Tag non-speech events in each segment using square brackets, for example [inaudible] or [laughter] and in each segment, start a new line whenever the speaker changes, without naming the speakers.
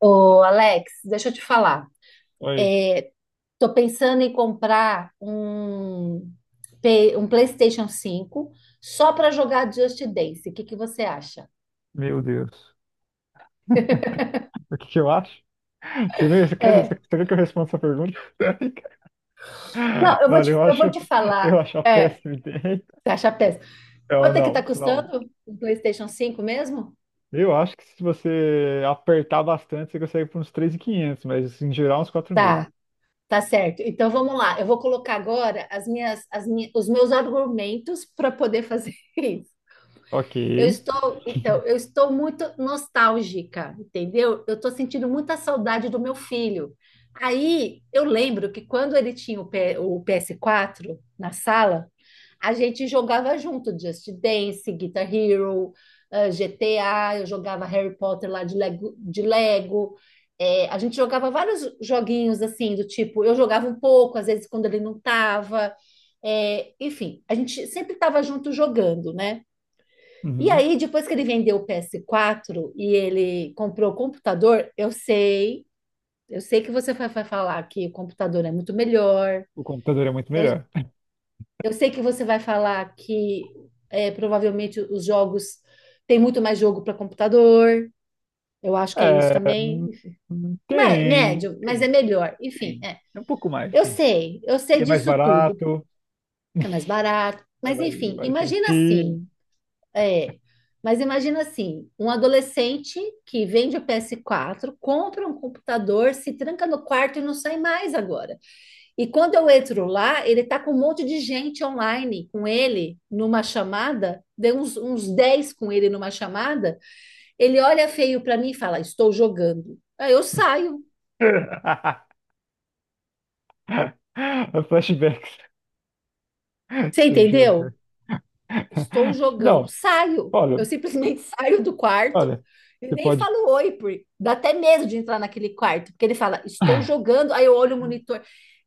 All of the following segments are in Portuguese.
Ô, Alex, deixa eu te falar.
Oi,
Tô pensando em comprar um PlayStation cinco só para jogar Just Dance. O que que você acha?
meu Deus. O que que eu acho? [laughs] Você vê, você quer, você
É.
quer que eu responda essa pergunta? [laughs]
Não, eu
Não,
vou
olha,
te,
eu
eu
acho,
vou te falar.
eu acho a
É,
péssima ideia.
você acha péssimo.
Não,
Quanto é que tá
não, não.
custando um PlayStation 5 mesmo?
Eu acho que se você apertar bastante, você consegue por uns 3.500, mas assim, em geral uns 4.000.
Tá, tá certo. Então vamos lá. Eu vou colocar agora os meus argumentos para poder fazer [laughs] isso.
Ok.
Então, eu estou muito nostálgica, entendeu? Eu estou sentindo muita saudade do meu filho. Aí eu lembro que quando ele tinha o PS4 na sala, a gente jogava junto Just Dance, Guitar Hero, GTA, eu jogava Harry Potter lá de Lego. A gente jogava vários joguinhos assim, do tipo, eu jogava um pouco, às vezes quando ele não estava. Enfim, a gente sempre estava junto jogando, né? E
Uhum.
aí, depois que ele vendeu o PS4 e ele comprou o computador, eu sei que você vai falar que o computador é muito melhor.
O computador é muito
Eu,
melhor. [laughs]
eu sei que você vai falar que provavelmente os jogos tem muito mais jogo para computador. Eu acho que é isso
É,
também. Mas,
tem,
médio, mas é
tem,
melhor. Enfim,
tem.
é.
É um pouco mais,
Eu
sim.
sei, eu sei
E é mais
disso tudo.
barato,
É mais barato. Mas enfim,
mais tem
imagina assim.
Steam.
É, mas imagina assim, um adolescente que vende o PS4, compra um computador, se tranca no quarto e não sai mais agora. E quando eu entro lá, ele tá com um monte de gente online com ele numa chamada, deu uns 10 com ele numa chamada, ele olha feio para mim e fala: "Estou jogando". Aí eu saio.
[laughs] [laughs] Flashbacks.
Você
Estou
entendeu?
jogando.
Estou jogando.
Não,
Saio.
olha,
Eu simplesmente [laughs] saio do quarto
olha,
e
você
nem
pode.
falo oi, porque dá até medo de entrar naquele quarto, porque ele fala, estou
[laughs]
jogando, aí eu olho o monitor.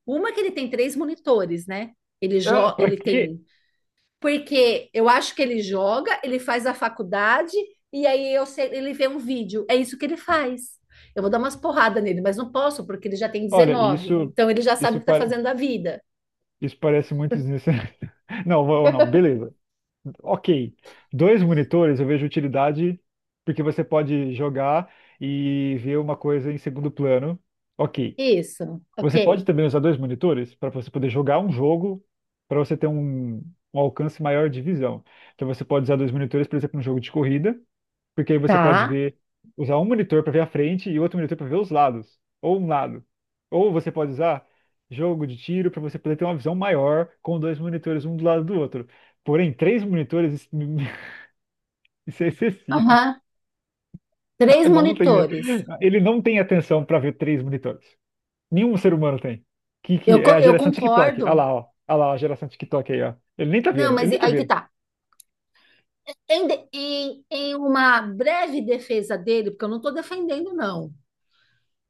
Uma que ele tem três monitores, né? Ele
Ah,
jo
pra
ele
quê?
tem, porque eu acho que ele joga, ele faz a faculdade e aí ele vê um vídeo. É isso que ele faz. Eu vou dar umas porradas nele, mas não posso, porque ele já tem
Olha,
19. Então ele já sabe
isso,
o que está
pare-
fazendo da vida.
isso parece muito desnecessário. [laughs] Não, não, beleza. Ok. Dois monitores eu vejo utilidade porque você pode jogar e ver uma coisa em segundo plano. Ok.
Isso,
Você pode
ok.
também usar dois monitores para você poder jogar um jogo, para você ter um alcance maior de visão. Então você pode usar dois monitores, por exemplo, num jogo de corrida, porque aí você pode
Tá.
ver, usar um monitor para ver a frente e outro monitor para ver os lados, ou um lado. Ou você pode usar jogo de tiro para você poder ter uma visão maior com dois monitores um do lado do outro. Porém, três monitores, isso [laughs] isso é excessivo.
Aham. Três
Não tem,
monitores.
ele não tem atenção para ver três monitores. Nenhum ser humano tem. Que,
Eu,
que é
co-
a
eu
geração TikTok. Olha
concordo.
lá, ó. Olha lá, ó, a geração TikTok aí, ó. Ele nem tá
Não,
vendo,
mas
ele
e-
nem tá
aí que
vendo.
tá. Em uma breve defesa dele, porque eu não tô defendendo, não.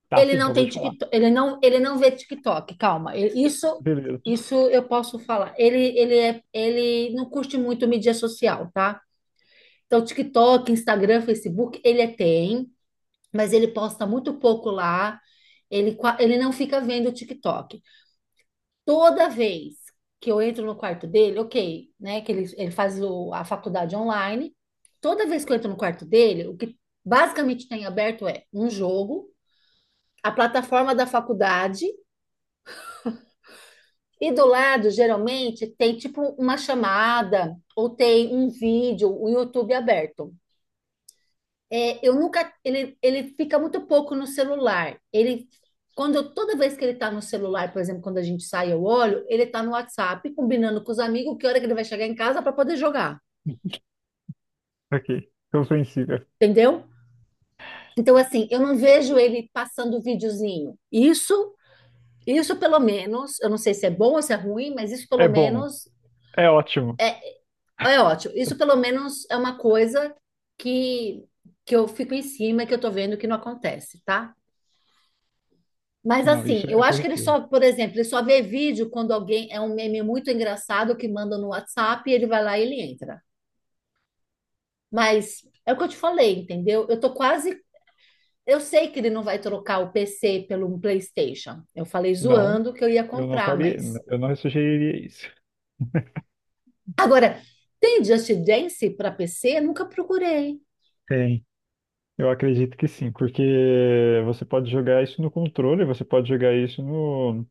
Tá
Ele
sim, que
não
eu vou
tem
te falar.
TikTok, ele não vê TikTok, calma. Ele- Isso,
Beleza.
isso eu posso falar. Ele não curte muito mídia social, tá? Então, TikTok, Instagram, Facebook, ele tem, mas ele posta muito pouco lá. Ele não fica vendo o TikTok. Toda vez que eu entro no quarto dele, ok, né? Que ele faz a faculdade online. Toda vez que eu entro no quarto dele, o que basicamente tem aberto é um jogo, a plataforma da faculdade, e do lado, geralmente, tem tipo uma chamada ou tem um vídeo, o YouTube aberto. É, eu nunca, ele fica muito pouco no celular. Toda vez que ele está no celular, por exemplo, quando a gente sai, eu olho, ele está no WhatsApp, combinando com os amigos que hora que ele vai chegar em casa para poder jogar,
[laughs] Ok. Compreensível.
entendeu? Então, assim, eu não vejo ele passando videozinho. Isso, isso pelo menos, eu não sei se é bom ou se é ruim, mas isso
É
pelo
bom.
menos
É ótimo.
é ótimo. Isso pelo menos é uma coisa que, que eu fico em cima, que eu tô vendo que não acontece, tá? Mas
Não,
assim,
isso
eu
é
acho que ele
positivo.
só, por exemplo, ele só vê vídeo quando alguém é um meme muito engraçado que manda no WhatsApp e ele vai lá e ele entra. Mas é o que eu te falei, entendeu? Eu tô quase, eu sei que ele não vai trocar o PC pelo PlayStation. Eu falei
Não,
zoando que eu ia
eu não
comprar,
faria,
mas
eu não sugeriria isso.
agora tem Just Dance para PC? Nunca procurei.
Tem. Eu acredito que sim, porque você pode jogar isso no controle, você pode jogar isso no,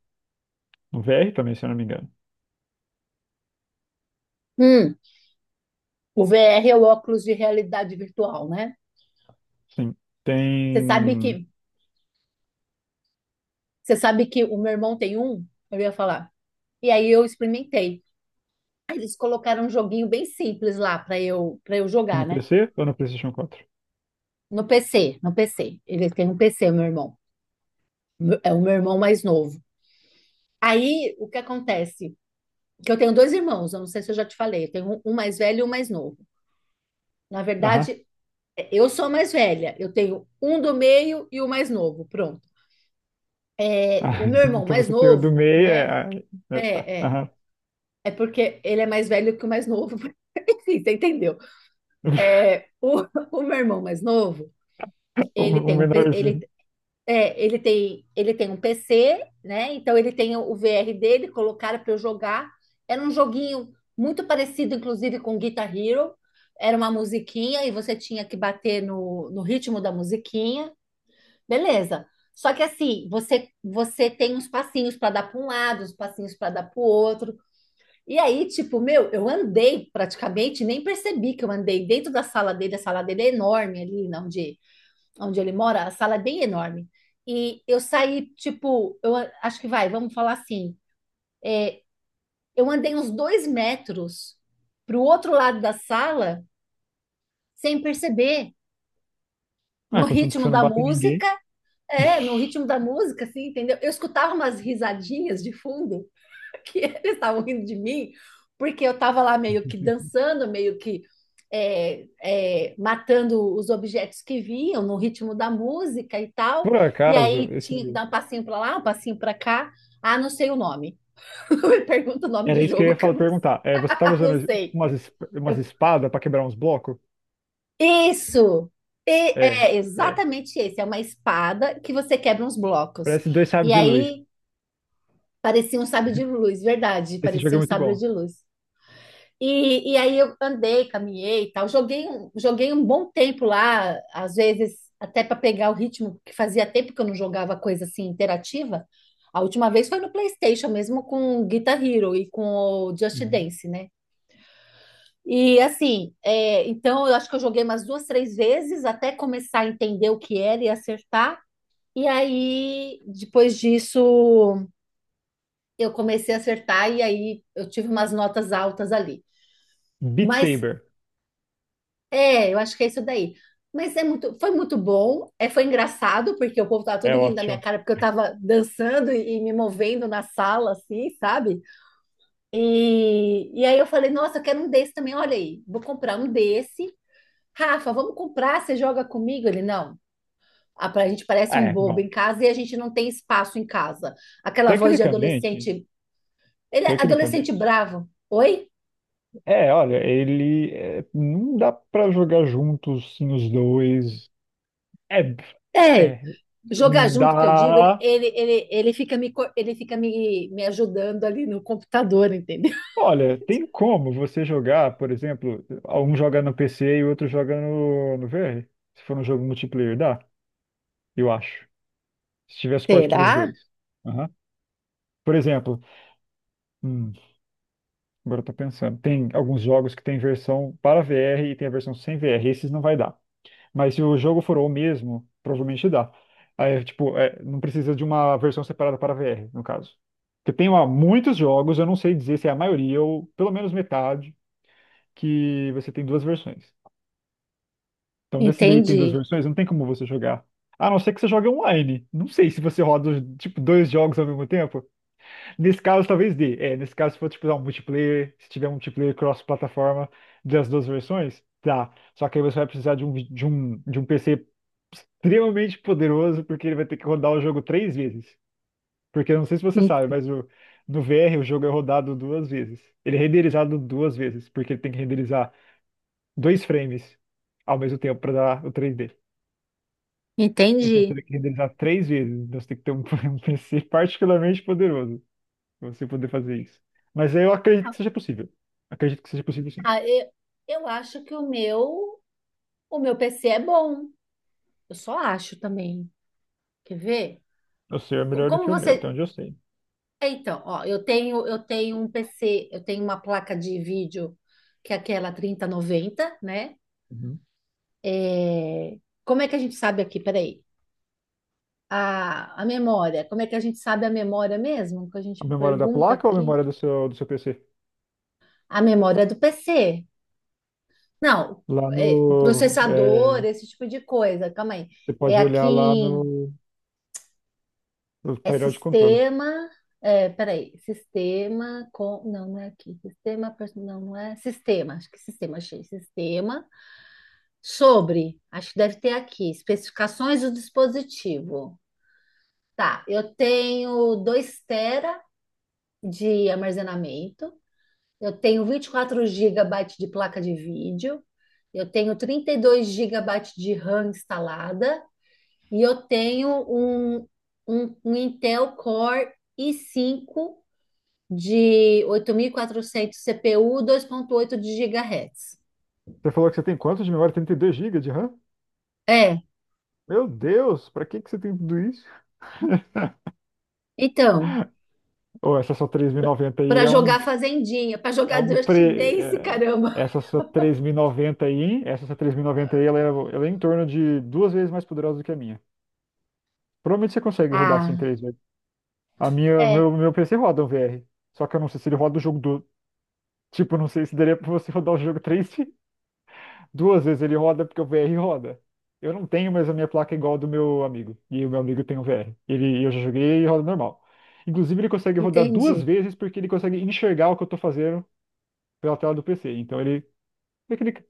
no VR também, se eu não me engano.
Hum, o VR é o óculos de realidade virtual, né?
Sim.
Você sabe
Tem
que, você sabe que o meu irmão tem um? Eu ia falar. E aí eu experimentei. Eles colocaram um joguinho bem simples lá para eu
no
jogar, né?
PC ou no PlayStation
No PC. Ele tem um PC, meu irmão. É o meu irmão mais novo. Aí o que acontece? Que eu tenho dois irmãos, eu não sei se eu já te falei, eu tenho um mais velho e um mais novo. Na
4?
verdade, eu sou a mais velha, eu tenho um do meio e o mais novo, pronto. É,
Ah,
o meu
[laughs]
irmão
então
mais
você tem o do
novo,
meio, é,
né?
ah, é, tá.
É, é.
Aham.
É porque ele é mais velho que o mais novo, [laughs] enfim, você entendeu?
[laughs]
É, [laughs] o meu irmão mais novo,
O,
ele
o
tem um, P- ele
menorzinho.
É, ele tem um PC, né? Então ele tem o VR dele, colocaram para eu jogar. Era um joguinho muito parecido, inclusive, com Guitar Hero. Era uma musiquinha e você tinha que bater no ritmo da musiquinha. Beleza. Só que assim, você tem uns passinhos para dar para um lado, uns passinhos para dar para o outro. E aí, tipo, meu, eu andei praticamente, nem percebi que eu andei dentro da sala dele. A sala dele é enorme ali, não, de onde ele mora, a sala é bem enorme. E eu saí, tipo, acho que vamos falar assim. Eu andei uns 2 metros para o outro lado da sala sem perceber,
Ah,
no
contanto que
ritmo
você não
da
bate em
música,
ninguém.
assim, entendeu? Eu escutava umas risadinhas de fundo [laughs] que eles estavam rindo de mim, porque eu estava lá meio que dançando, meio que é, matando os objetos que vinham no ritmo da música e tal.
Por
E
acaso,
aí tinha que
esse...
dar um passinho para lá, um passinho para cá. Ah, não sei o nome. [laughs] Me pergunta o nome
Era
do
isso que eu
jogo
ia
que eu
falar,
não,
perguntar. É, você tava
[laughs] não
usando tipo,
sei.
umas
Eu,
espadas pra quebrar uns blocos?
isso! E-
É,
é
é.
exatamente esse. É uma espada que você quebra uns blocos.
Parece dois
E
sabres de luz.
aí parecia um sábio de luz, verdade,
Esse jogo
parecia
é
um
muito
sábio
bom.
de luz. E aí eu andei, caminhei e tal. Joguei um bom tempo lá, às vezes até para pegar o ritmo, que fazia tempo que eu não jogava coisa assim interativa. A última vez foi no PlayStation mesmo com o Guitar Hero e com o Just
Uhum.
Dance, né? E assim, então eu acho que eu joguei umas duas, três vezes até começar a entender o que era e acertar. E aí, depois disso, eu comecei a acertar e aí eu tive umas notas altas ali.
Beat
Mas
Saber.
Eu acho que é isso daí. Mas é muito, foi muito bom, foi engraçado, porque o povo tava
É
todo rindo da minha
ótimo.
cara, porque eu tava dançando e me movendo na sala, assim, sabe? E aí eu falei, nossa, eu quero um desse também, olha aí, vou comprar um desse. Rafa, vamos comprar, você joga comigo? Ele, não, a gente parece
Ah,
um
é,
bobo
bom.
em casa e a gente não tem espaço em casa. Aquela voz de
Tecnicamente,
adolescente, ele é adolescente
tecnicamente.
bravo. Oi?
É, olha, não dá pra jogar juntos, sim, os dois. É,
É,
é,
jogar junto que eu digo, ele,
dá.
ele, ele, ele fica, me, co- ele fica me, me ajudando ali no computador, entendeu?
Olha, tem como você jogar, por exemplo, um joga no PC e o outro joga no VR? Se for um jogo multiplayer, dá, eu acho. Se tiver
[laughs]
suporte para os
Será?
dois. Aham. Por exemplo, hum, agora eu tô pensando, tem alguns jogos que tem versão para VR e tem a versão sem VR. Esses não vai dar. Mas se o jogo for o mesmo, provavelmente dá. Aí, tipo, é, não precisa de uma versão separada para VR, no caso. Porque tem ó, muitos jogos, eu não sei dizer se é a maioria ou pelo menos metade, que você tem duas versões. Então, desse daí que tem duas
Entendi.
versões, não tem como você jogar. A não ser que você jogue online. Não sei se você roda, tipo, dois jogos ao mesmo tempo. Nesse caso, talvez dê. É, nesse caso, se for, tipo, dar um multiplayer, se tiver um multiplayer cross-plataforma das duas versões, dá. Só que aí você vai precisar de um, vi- de um PC extremamente poderoso, porque ele vai ter que rodar o jogo três vezes. Porque eu não sei se você
En-
sabe, mas no VR o jogo é rodado duas vezes. Ele é renderizado duas vezes, porque ele tem que renderizar dois frames ao mesmo tempo para dar o 3D. Então
Entendi.
você tem que renderizar três vezes. Então você tem que ter um, [laughs] um PC particularmente poderoso para você poder fazer isso. Mas eu acredito que seja possível. Acredito que seja possível sim.
Ah, eu acho que o meu PC é bom. Eu só acho também. Quer ver?
O seu é
Co-
melhor do
Como
que o meu, até
você.
onde eu sei.
Então, ó, eu tenho um PC, eu tenho uma placa de vídeo que é aquela 3090, né?
Uhum.
É, como é que a gente sabe aqui? Peraí. A memória, como é que a gente sabe a memória mesmo? Que a
A
gente
memória da
pergunta
placa ou a
aqui.
memória do seu PC?
A memória do PC. Não,
Lá no.
processador,
é,
esse tipo de coisa. Calma aí.
Você
É
pode
aqui
olhar lá
em,
no
é
painel de controle.
sistema. É, peraí, sistema com. Não, não é aqui. Sistema. Não, não é. Sistema, acho que sistema, achei. Sistema. Sobre, acho que deve ter aqui. Especificações do dispositivo. Tá, eu tenho 2 tera de armazenamento. Eu tenho 24 gigabytes de placa de vídeo, eu tenho 32 gigabytes de RAM instalada e eu tenho um Intel Core i5 de 8400 CPU, 8 de GHz.
Você falou que você tem quanto de memória? 32 gigas de RAM?
É,
Meu Deus, pra que que você tem tudo isso?
então,
Ou essa sua 3090 aí
para jogar Fazendinha, para
é
jogar
um
Just
pre
Dance,
é-
caramba.
essa sua 3090 aí, essa sua 3090 aí, ela é em torno de duas vezes mais poderosa do que a minha. Provavelmente você consegue rodar assim
Ah,
três vezes. A minha,
é,
meu PC roda um VR, só que eu não sei se ele roda o jogo do tipo, eu não sei se daria pra você [laughs] rodar o jogo 3. Duas vezes ele roda porque o VR roda. Eu não tenho, mas a minha placa é igual a do meu amigo. E o meu amigo tem o VR. Eu já joguei e roda normal. Inclusive, ele consegue rodar duas
entendi.
vezes porque ele consegue enxergar o que eu tô fazendo pela tela do PC. Então ele clica.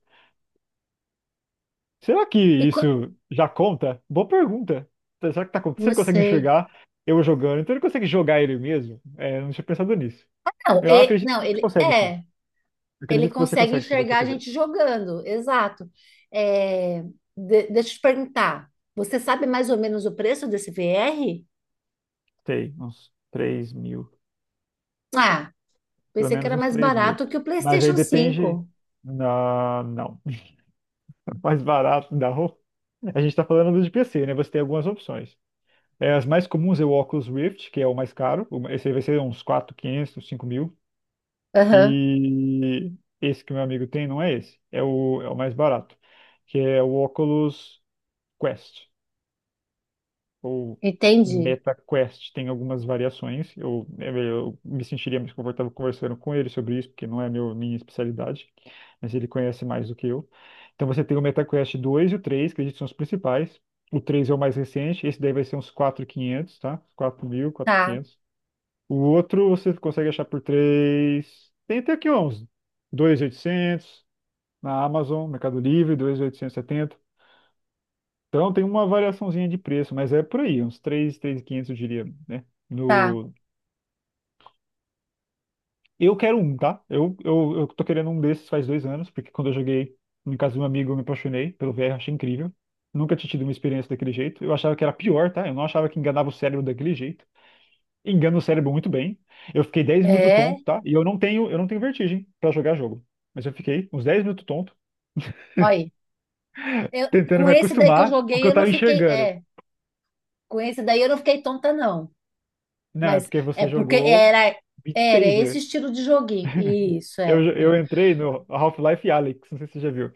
Será que
E
isso já conta? Boa pergunta. Então, será que tá acontecendo? Se
não
ele consegue
sei.
enxergar eu jogando, então ele consegue jogar ele mesmo? É, eu não tinha pensado nisso.
Não,
Eu acredito
não,
que você
ele
consegue, sim.
é.
Eu
Ele
acredito que você
consegue
consegue, se você
enxergar a
quiser.
gente jogando, exato. É, deixa eu te perguntar, você sabe mais ou menos o preço desse VR?
Tem uns 3.000.
Ah,
Pelo
pensei que
menos
era
uns
mais
3.000.
barato que o
Mas aí
PlayStation
depende.
cinco.
Não, não. [laughs] Mais barato da roupa. A gente está falando do PC, né? Você tem algumas opções. É, as mais comuns é o Oculus Rift, que é o mais caro. Esse aí vai ser uns 4, 500, 5.000.
Aham,
E esse que meu amigo tem não é esse. É o mais barato, que é o Oculus Quest. Ou
entendi.
MetaQuest tem algumas variações. Eu me sentiria mais confortável conversando com ele sobre isso, porque não é meu, minha especialidade, mas ele conhece mais do que eu. Então você tem o MetaQuest 2 e o 3, que acredito que são os principais. O 3 é o mais recente, esse daí vai ser uns 4.500, tá? 4.000,
Tá,
quinhentos. O outro você consegue achar por 3, tem até aqui uns 2.800 na Amazon, Mercado Livre, 2.870. Então tem uma variaçãozinha de preço, mas é por aí, uns 3, 3.500 eu diria, né?
tá.
No... Eu quero um, tá? Eu tô querendo um desses faz 2 anos, porque quando eu joguei em casa de um amigo eu me apaixonei pelo VR, achei incrível. Nunca tinha tido uma experiência daquele jeito. Eu achava que era pior, tá? Eu não achava que enganava o cérebro daquele jeito. Engana o cérebro muito bem. Eu fiquei 10 minutos
É,
tonto, tá? E eu não tenho vertigem pra jogar jogo. Mas eu fiquei uns 10 minutos tonto,
olha, eu,
tentando
com
me
esse daí que eu
acostumar com o que
joguei,
eu
eu não
tava
fiquei.
enxergando.
É, com esse daí eu não fiquei tonta, não.
Não, é
Mas
porque
é
você
porque
jogou
era,
Beat
era esse
Saber.
estilo de joguinho. Isso,
Eu,
é, é.
eu entrei no Half-Life Alyx, não sei se você já viu.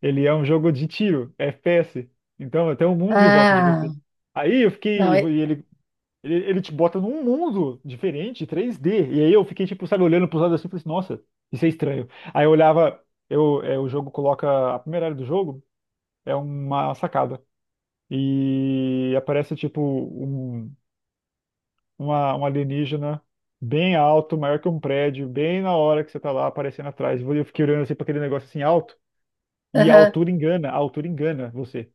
Ele é um jogo de tiro, FPS. Então tem um mundo em volta de você.
Ah,
Aí eu
não,
fiquei.
é,
E ele te bota num mundo diferente, 3D. E aí eu fiquei, tipo, sabe, olhando pros lados assim e falei assim, nossa, isso é estranho. Aí eu olhava, o jogo coloca. A primeira área do jogo é uma sacada. E aparece, tipo, um um alienígena bem alto, maior que um prédio, bem na hora que você tá lá aparecendo atrás. Eu fiquei olhando assim pra aquele negócio assim alto, e
aham.
a altura engana você.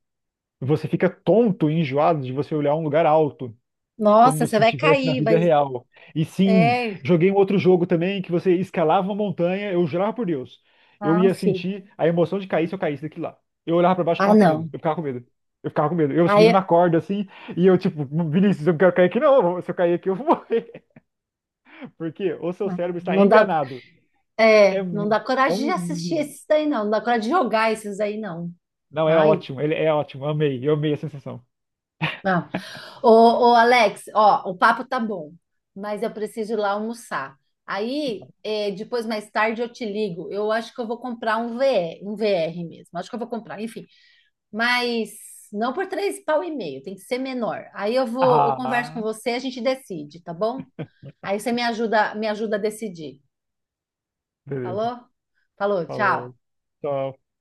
Você fica tonto e enjoado de você olhar um lugar alto,
Nossa,
como
você
se
vai
tivesse na
cair, vai,
vida real. E sim,
é,
joguei um outro jogo também que você escalava uma montanha, eu jurava por Deus. Eu ia
af.
sentir a emoção de cair se eu caísse daqui lá. Eu olhava pra baixo, eu
Ah,
tava com medo.
não.
Eu ficava com medo. Eu ficava com medo. Eu subindo
Aí,
na corda assim, e eu tipo, Vinícius, eu não quero cair aqui não. Se eu cair aqui, eu vou morrer. Porque o seu
ah,
cérebro está
não dá,
enganado. É,
não dá
é
coragem de assistir
um.
esses daí, não. Não dá coragem de jogar esses aí, não.
Não, é
Ai,
ótimo. Ele é ótimo. Amei, eu amei a sensação.
não. Ô, ô, Alex, ó, o papo tá bom, mas eu preciso ir lá almoçar. Aí, depois, mais tarde, eu te ligo. Eu acho que eu vou comprar um VR mesmo. Acho que eu vou comprar, enfim. Mas não por três pau e meio, tem que ser menor. Aí eu converso
Ah,
com você, a gente decide, tá bom? Aí você me ajuda a decidir.
beleza.
Falou? Falou,
Falou.
tchau.
Tchau.